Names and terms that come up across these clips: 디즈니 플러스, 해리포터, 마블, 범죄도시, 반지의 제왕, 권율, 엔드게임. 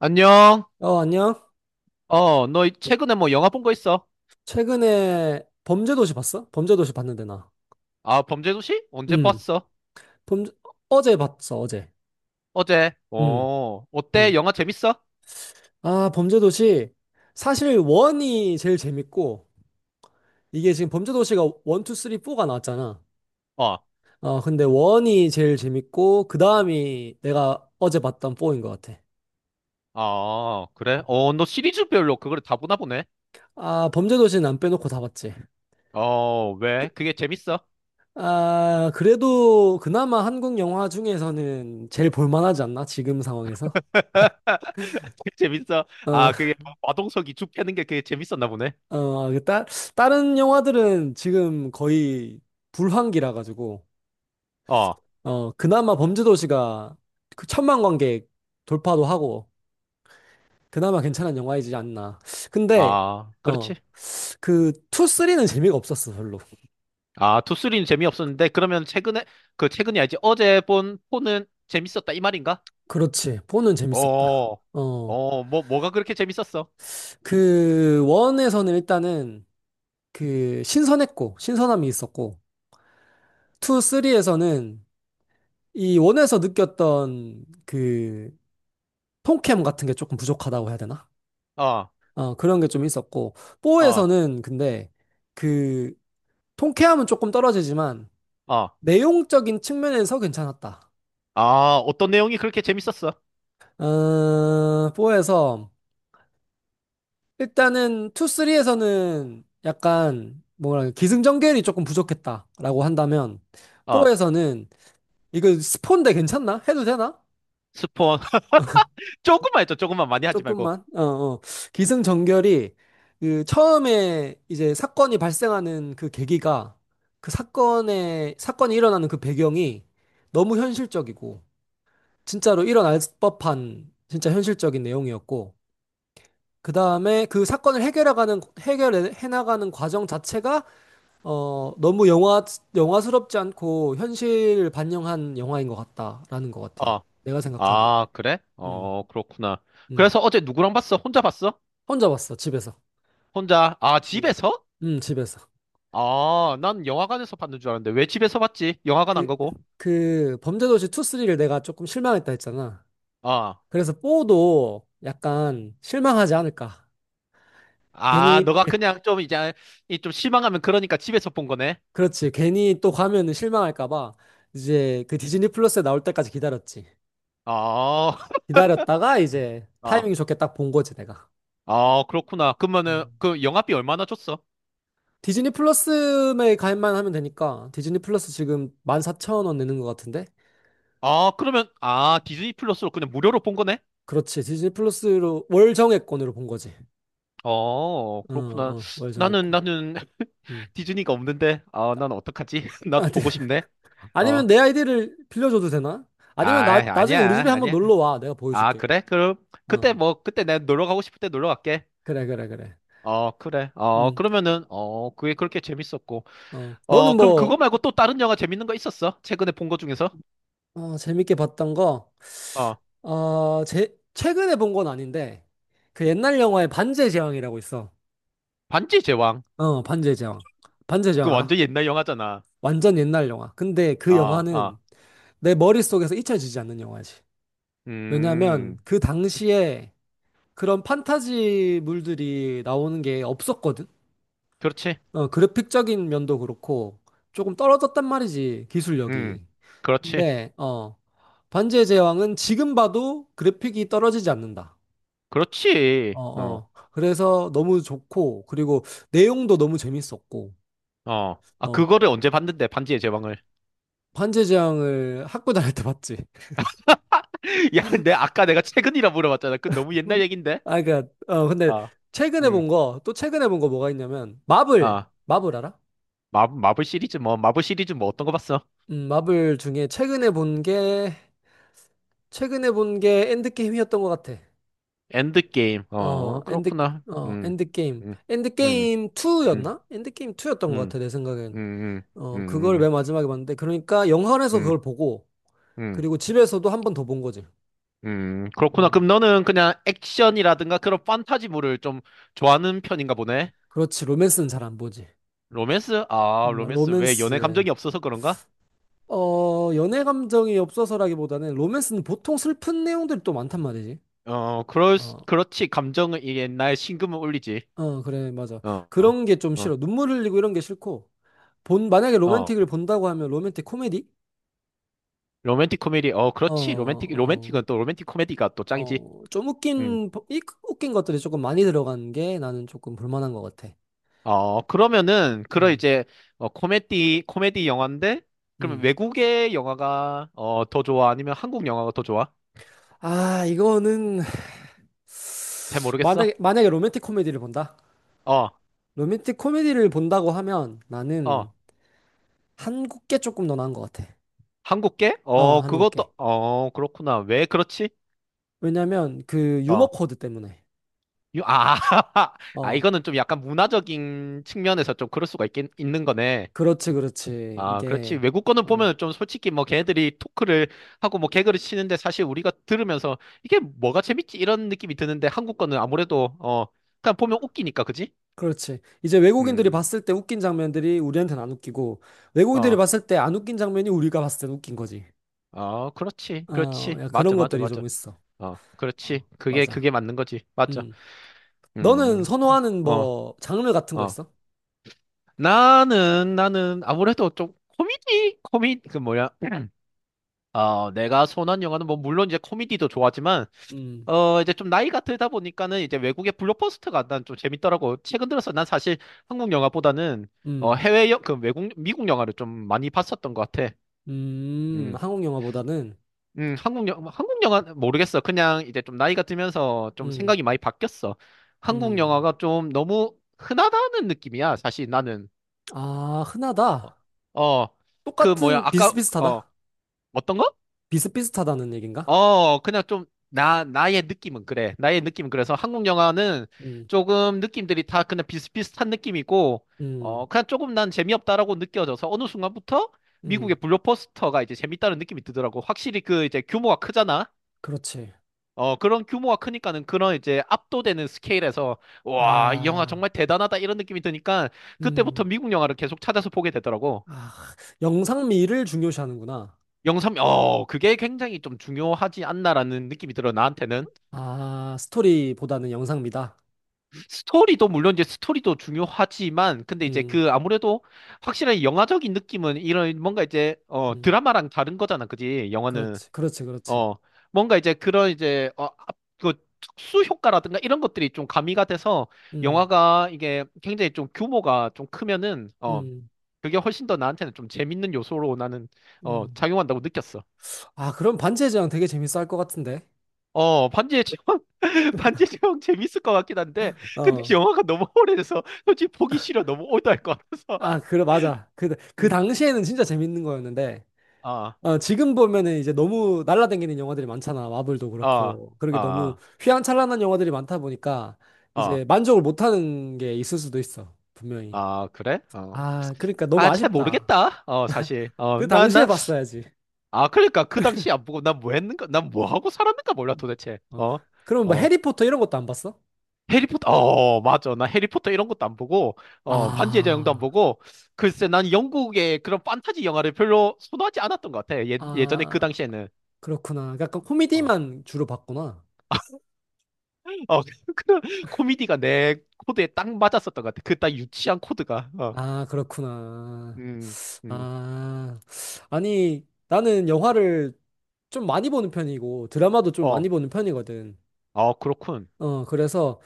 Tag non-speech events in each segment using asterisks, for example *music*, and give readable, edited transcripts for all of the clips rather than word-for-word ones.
안녕. 어, 안녕. 어, 너 최근에 뭐 영화 본 거 있어? 최근에 범죄도시 봤어? 범죄도시 봤는데, 나. 아, 범죄도시? 언제 음 봤어? 범죄, 어제 봤어, 어제. 어제. 음. 어, 어때? 음. 영화 재밌어? 아, 범죄도시. 사실, 원이 제일 재밌고, 이게 지금 범죄도시가 원, 투, 쓰리, 포가 나왔잖아. 어, 어, 근데 원이 제일 재밌고, 그 다음이 내가 어제 봤던 포인것 같아. 아, 그래? 어, 너 시리즈별로 그걸 다 보나 보네. 아, 범죄도시는 안 빼놓고 다 봤지. 어, 왜? 그게 재밌어? 아, 그래도 그나마 한국 영화 중에서는 제일 볼만하지 않나? 지금 상황에서? *laughs* 그게 재밌어? 어, 아, 그게 마동석이 죽 패는 게 그게 재밌었나 보네. 어, 다른 영화들은 지금 거의 불황기라 가지고 어, 어, 그나마 범죄도시가 그 천만 관객 돌파도 하고 그나마 괜찮은 영화이지 않나. 근데 아, 어, 그렇지. 그 2, 3는 재미가 없었어, 별로. 아, 투쓰리는 재미없었는데 그러면 최근에 그 최근이 아니지 어제 본 포는 재밌었다 이 말인가? 그렇지. 4는 재밌었다. 어, 어, 어, 뭐가 그렇게 재밌었어? 그 1에서는 일단은 그 신선했고 신선함이 있었고 2, 3에서는 이 1에서 느꼈던 그 통캠 같은 게 조금 부족하다고 해야 되나? 어. 어, 그런 게 좀 있었고, 어, 뽀에서는 근데 그 통쾌함은 조금 떨어지지만 어, 내용적인 측면에서 괜찮았다. 아, 어떤 내용이 그렇게 재밌었어? 어, 뽀에서 일단은 투쓰리에서는 약간 뭐랄까 기승전결이 조금 부족했다라고 한다면 어, 뽀에서는 이거 스폰데 괜찮나? 해도 되나? 스폰. *laughs* 조금만 했죠, 조금만 많이 하지 말고. 조금만. 어, 어. 기승전결이 그 처음에 이제 사건이 발생하는 그 계기가 그 사건의 사건이 일어나는 그 배경이 너무 현실적이고 진짜로 일어날 법한 진짜 현실적인 내용이었고 그다음에 그 사건을 해결해 나가는 과정 자체가 너무 영화스럽지 않고 현실을 반영한 영화인 것 같다라는 것 같아. 어, 내가 생각하기에는. 아, 그래? 음. 어, 그렇구나. 음. 그래서 어제 누구랑 봤어? 혼자 봤어? 혼자 봤어, 집에서. 혼자, 아, 음. 집에서? 집에서. 아, 난 영화관에서 봤는 줄 알았는데, 왜 집에서 봤지? 영화관 그, 안 가고. 그 범죄도시 2, 3를 내가 조금 실망했다 했잖아. 아 그래서 4도 약간 실망하지 않을까. 아, 괜히, 너가 그냥 좀 이제, 이 좀 실망하면 그러니까 집에서 본 거네. 그렇지. 괜히 또 가면은 실망할까 봐 이제 그 디즈니 플러스에 나올 때까지 기다렸지. 아, 기다렸다가 *laughs* 이제 아, 타이밍이 좋게 딱 본 거지, 내가. 아, 그렇구나. 그러면은, 음. 그 영화비 얼마나 줬어? 디즈니 플러스에 가입만 하면 되니까 디즈니 플러스 지금 14,000원 내는 것 같은데? 아, 그러면, 아, 디즈니 플러스로 그냥 무료로 본 거네? 그렇지. 디즈니 플러스로 월 정액권으로 본 거지. 어, 어, 그렇구나. 어, 월 나는, 정액권. 나는 *laughs* 음. 디즈니가 없는데, 아, 난 어떡하지? *laughs* 아, 나도 네. 보고 싶네. 어, 아니면 내 아이디를 빌려줘도 되나? 아, 아니면 나중에 우리 아니야, 집에 한번 아니야. 놀러 와. 내가 아, 보여줄게. 그래? 그럼, 그때 어, 뭐, 그때 내가 놀러 가고 싶을 때 놀러 갈게. 그래, 그래, 그래. 어, 그래. 어, 음, 그러면은, 어, 그게 그렇게 재밌었고. 어, 너는 어, 그럼 그거 뭐, 말고 또 다른 영화 재밌는 거 있었어? 최근에 본 거 중에서? 어, 재밌게 봤던 거, 어, 어, 최근에 본 건 아닌데, 그 옛날 영화에 반지의 제왕이라고 있어. 반지의 제왕. 어, 반지의 제왕. 반지의 그 제왕 알아? 완전 옛날 영화잖아. 완전 옛날 영화. 근데 그 어, 어, 영화는 내 머릿속에서 잊혀지지 않는 영화지. 왜냐면 음, 그 당시에 그런 판타지물들이 나오는 게 없었거든? 그렇지. 어, 그래픽적인 면도 그렇고 조금 떨어졌단 말이지 음, 기술력이. 그렇지. 근데 어, 반지의 제왕은 지금 봐도 그래픽이 떨어지지 않는다. 어, 그렇지. 어. 어. 그래서 너무 좋고 그리고 내용도 너무 재밌었고 어. 아, 어, 그거를 언제 봤는데, 반지의 제왕을. 반지의 제왕을 학교 다닐 때 봤지. *laughs* 야, 아까 내가 최근이라 물어봤잖아. 그 너무 *laughs* 음. 옛날 얘긴데? 아, 그니까, 어, 근데, 아, 음, 최근에 본 거 뭐가 있냐면, 마블, 아. 마블 알아? 마블 시리즈 뭐, 마블 시리즈 뭐 어떤 거 봤어? 마블 중에 최근에 본 게 엔드게임이었던 것 같아. 엔드게임. 어, 어, 엔드, 그렇구나. 어, 엔드게임. 음, 음, 엔드게임 음, 2였나? 엔드게임 2였던 것 음, 같아, 내 음, 생각엔. 음, 어, 그걸 음, 맨 마지막에 봤는데, 그러니까 영화관에서 음, 그걸 보고, 음. 그리고 집에서도 한 번 더 본 거지. 음. 그렇구나. 음, 그럼 너는 그냥 액션이라든가 그런 판타지물을 좀 좋아하는 편인가 보네? 그렇지, 로맨스는 잘 안 보지. 로맨스? 아, 로맨스. 왜 연애 로맨스. 감정이 없어서 그런가? 어, 연애 감정이 없어서라기보다는 로맨스는 보통 슬픈 내용들이 또 많단 말이지. 어, 어, 그렇지. 감정은 이 옛날 심금을 울리지. 어, 그래, 맞아. 어, 그런 게 좀 어, 싫어. 눈물 흘리고 이런 게 싫고, 만약에 어. 로맨틱을 어. 본다고 하면 로맨틱 코미디? 로맨틱 코미디. 어, 어, 그렇지. 로맨틱, 어. 로맨틱은 또 로맨틱 코미디가 또 짱이지. 어, 음. 웃긴 것들이 조금 많이 들어간 게 나는 조금 불만한 것 같아. 어, 그러면은, 그런 음, 이제, 어, 코미디, 코미디 영화인데, 그러면 음. 외국의 영화가, 어, 더 좋아? 아니면 한국 영화가 더 좋아? 아, 이거는, 잘 *sighs* 모르겠어. 만약에 로맨틱 코미디를 본다? 어, 로맨틱 코미디를 본다고 하면 어. 나는 한국 게 조금 더 나은 것 같아. 한국계? 어, 어, 한국 게. 그것도, 어, 그렇구나. 왜 그렇지? 왜냐면 그 유머 어. 코드 때문에. 아, *laughs* 아, 어, 이거는 좀 약간 문화적인 측면에서 좀 그럴 수가 있는 거네. 그렇지, 그렇지. 아, 그렇지. 이게, 외국 거는 어, 보면 좀 솔직히 뭐 걔네들이 토크를 하고 뭐 개그를 치는데 사실 우리가 들으면서 이게 뭐가 재밌지? 이런 느낌이 드는데 한국 거는 아무래도 어, 그냥 보면 웃기니까, 그지? 그렇지. 이제 외국인들이 음. 봤을 때 웃긴 장면들이 우리한테는 안 웃기고, 외국인들이 어, 봤을 때 안 웃긴 장면이 우리가 봤을 때 웃긴 거지. 어, 그렇지. 어, 그렇지. 야, 그런 맞아, 맞아, 것들이 맞아. 좀 있어. 어, 어, 그렇지. 그게, 맞아. 그게 맞는 거지. 맞아. 음. 너는 음, 그- 선호하는 어, 뭐 장르 같은 거 어. 있어? 나는 아무래도 좀 코미디? 그 뭐야. 어, 내가 선호한 영화는 뭐 물론 이제 코미디도 좋아하지만 음. 어, 이제 좀 나이가 들다 보니까는 이제 외국의 블록버스터가 난 좀 재밌더라고. 최근 들어서 난 사실 한국 영화보다는 어, 음. 해외 영, 그 외국, 미국 영화를 좀 많이 봤었던 것 같아. 음. 음, 한국 영화보다는 한국 영화, 한국 영화 모르겠어. 그냥 이제 좀 나이가 들면서 좀 음. 생각이 많이 바뀌었어. 한국 음. 영화가 좀 너무 흔하다는 느낌이야. 사실 나는. 아, 흔하다. 어, 어, 그 뭐야, 똑같은 아까, 어, 비슷비슷하다. 어떤 거? 비슷비슷하다는 얘긴가? 어, 그냥 좀, 나의 느낌은 그래. 나의 느낌은 그래서 한국 영화는 음. 조금 느낌들이 다 그냥 비슷비슷한 느낌이고, 음. 어, 그냥 조금 난 재미없다라고 느껴져서 어느 순간부터 미국의 음. 블록버스터가 이제 재밌다는 느낌이 드더라고. 확실히 그 이제 규모가 크잖아? 그렇지. 어, 그런 규모가 크니까는 그런 이제 압도되는 스케일에서, 와, 이 영화 아. 정말 대단하다 이런 느낌이 드니까 그때부터 음. 미국 영화를 계속 찾아서 보게 되더라고. 아, 영상미를 중요시하는구나. 영상, 어, 그게 굉장히 좀 중요하지 않나라는 느낌이 들어, 나한테는. 아, 스토리보다는 영상미다. 스토리도 물론 이제 스토리도 중요하지만 근데 이제 음. 그 아무래도 확실한 영화적인 느낌은 이런 뭔가 이제 어 음. 드라마랑 다른 거잖아 그지 영화는 그렇지. 그렇지. 그렇지. 어 뭔가 이제 그런 이제 어그 특수 효과라든가 이런 것들이 좀 가미가 돼서 음. 영화가 이게 굉장히 좀 규모가 좀 크면은 어 음. 그게 훨씬 더 나한테는 좀 재밌는 요소로 나는 어 음. 작용한다고 느꼈어. 아, 그럼 반체제왕 되게 재밌어 할 것 같은데. 어, 반지의 제왕, *laughs* 반지의 제왕 재밌을 것 같긴 한데, 근데 어. 영화가 너무 오래돼서 솔직히 보기 싫어. 너무 올드할 것 같아서. 아, *laughs* 그래, 맞아. 그 음, 당시에는 진짜 재밌는 거였는데, 아, 어, 지금 보면은 이제 너무 날라다니는 영화들이 많잖아. 마블도 아, 그렇고. 그러게 너무 아, 휘황찬란한 영화들이 많다 보니까, 아, 이제 만족을 못하는 게 있을 수도 있어. 분명히. 아, 그래? 어. 아, 그러니까 너무 아, 잘 아쉽다. 모르겠다. 어, 사실. 어, 그 난, 당시에 난, 봤어야지. 아, 그러니까 그 당시 안 보고 난 뭐 했는가, 난 뭐 하고 살았는가 몰라 음. 도대체. 어. 어, 그럼 뭐 어. 해리포터 이런 것도 안 봤어? 해리포터, 어, 맞아. 나 해리포터 이런 것도 안 보고, 어, 반지의 제왕도 안 아, 보고, 글쎄, 난 영국의 그런 판타지 영화를 별로 선호하지 않았던 것 같아. 예, 예전에 그 아, 당시에는. 그렇구나. 약간 어, 어, 코미디만 주로 봤구나. *laughs* 그 코미디가 내 코드에 딱 맞았었던 것 같아. 그 딱 유치한 코드가. 어, 아, 그렇구나. 음, 음, 아, 아니, 나는 영화를 좀 많이 보는 편이고, 드라마도 좀 어, 많이 보는 편이거든. 어, 그렇군. 어, 그래서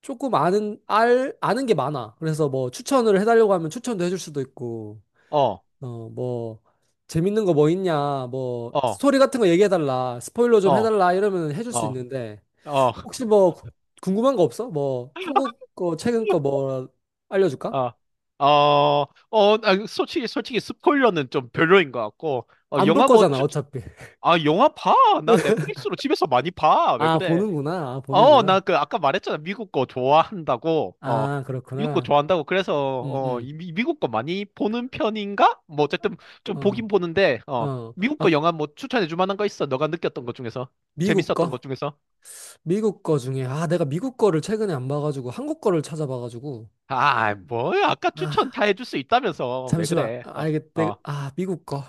조금 아는 게 많아. 그래서 뭐 추천을 해달라고 하면 추천도 해줄 수도 있고, 어, 어, 뭐, 재밌는 거 뭐 있냐, 뭐, 어, 스토리 같은 거 얘기해달라, 스포일러 어, 좀 어, 해달라, 이러면 해줄 수 어, 있는데, 혹시 뭐, 궁금한 거 없어? 뭐, 한국 거, 최근 거 *laughs* 뭐, 알려줄까? 어, 어, 어, 아, 솔직히 솔직히 스포일러는 좀 별로인 것 같고. 어, 안 볼 영화 뭐 거잖아, 어차피. 아, 영화 봐. 나 넷플릭스로 집에서 많이 봐. 왜 아, 그래? 보는구나. 아, 어, 나 보는구나. 그 아까 말했잖아. 미국 거 좋아한다고. 어, 아, 미국 거 그렇구나. 좋아한다고. 그래서 음, 어, 음. 미국 거 많이 보는 편인가? 뭐 어쨌든 좀 어, 보긴 보는데 어, 어. 미국 거 아, 영화 뭐 추천해 줄 만한 거 있어? 너가 느꼈던 것 중에서 미국 재밌었던 것 거? 중에서? 미국 거 중에, 아, 내가 미국 거를 최근에 안 봐가지고, 한국 거를 찾아봐가지고. 아, 뭐야? 아까 아, 추천 다 해줄 수 있다면서 왜 잠시만. 그래? 아, 어, 어, 아, 미국 거.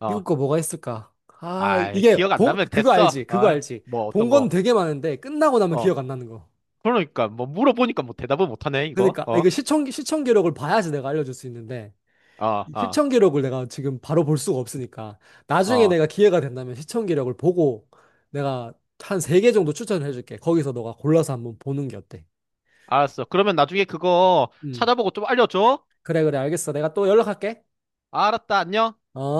어. 미국 거 뭐가 있을까? 아, 아이, 이게, 기억 안 나면 그거 알지? 됐어. 그거 어, 알지? 뭐 본 어떤 건 거? 되게 많은데, 끝나고 나면 어, 기억 안 나는 거. 그러니까 뭐 물어보니까 뭐 대답을 못하네 이거. 그러니까, 아, 어, 이거 시청 기록을 봐야지 내가 알려줄 수 있는데. 어, 이 어, 시청 기록을 내가 지금 바로 볼 수가 없으니까 나중에 어. 내가 기회가 된다면 시청 기록을 보고 내가 한 세 개 정도 추천을 해줄게. 거기서 너가 골라서 한번 보는 게 어때? 알았어. 그러면 나중에 그거 음. 찾아보고 좀 알려줘. 그래, 그래, 알겠어. 내가 또 연락할게. 알았다. 안녕. 어?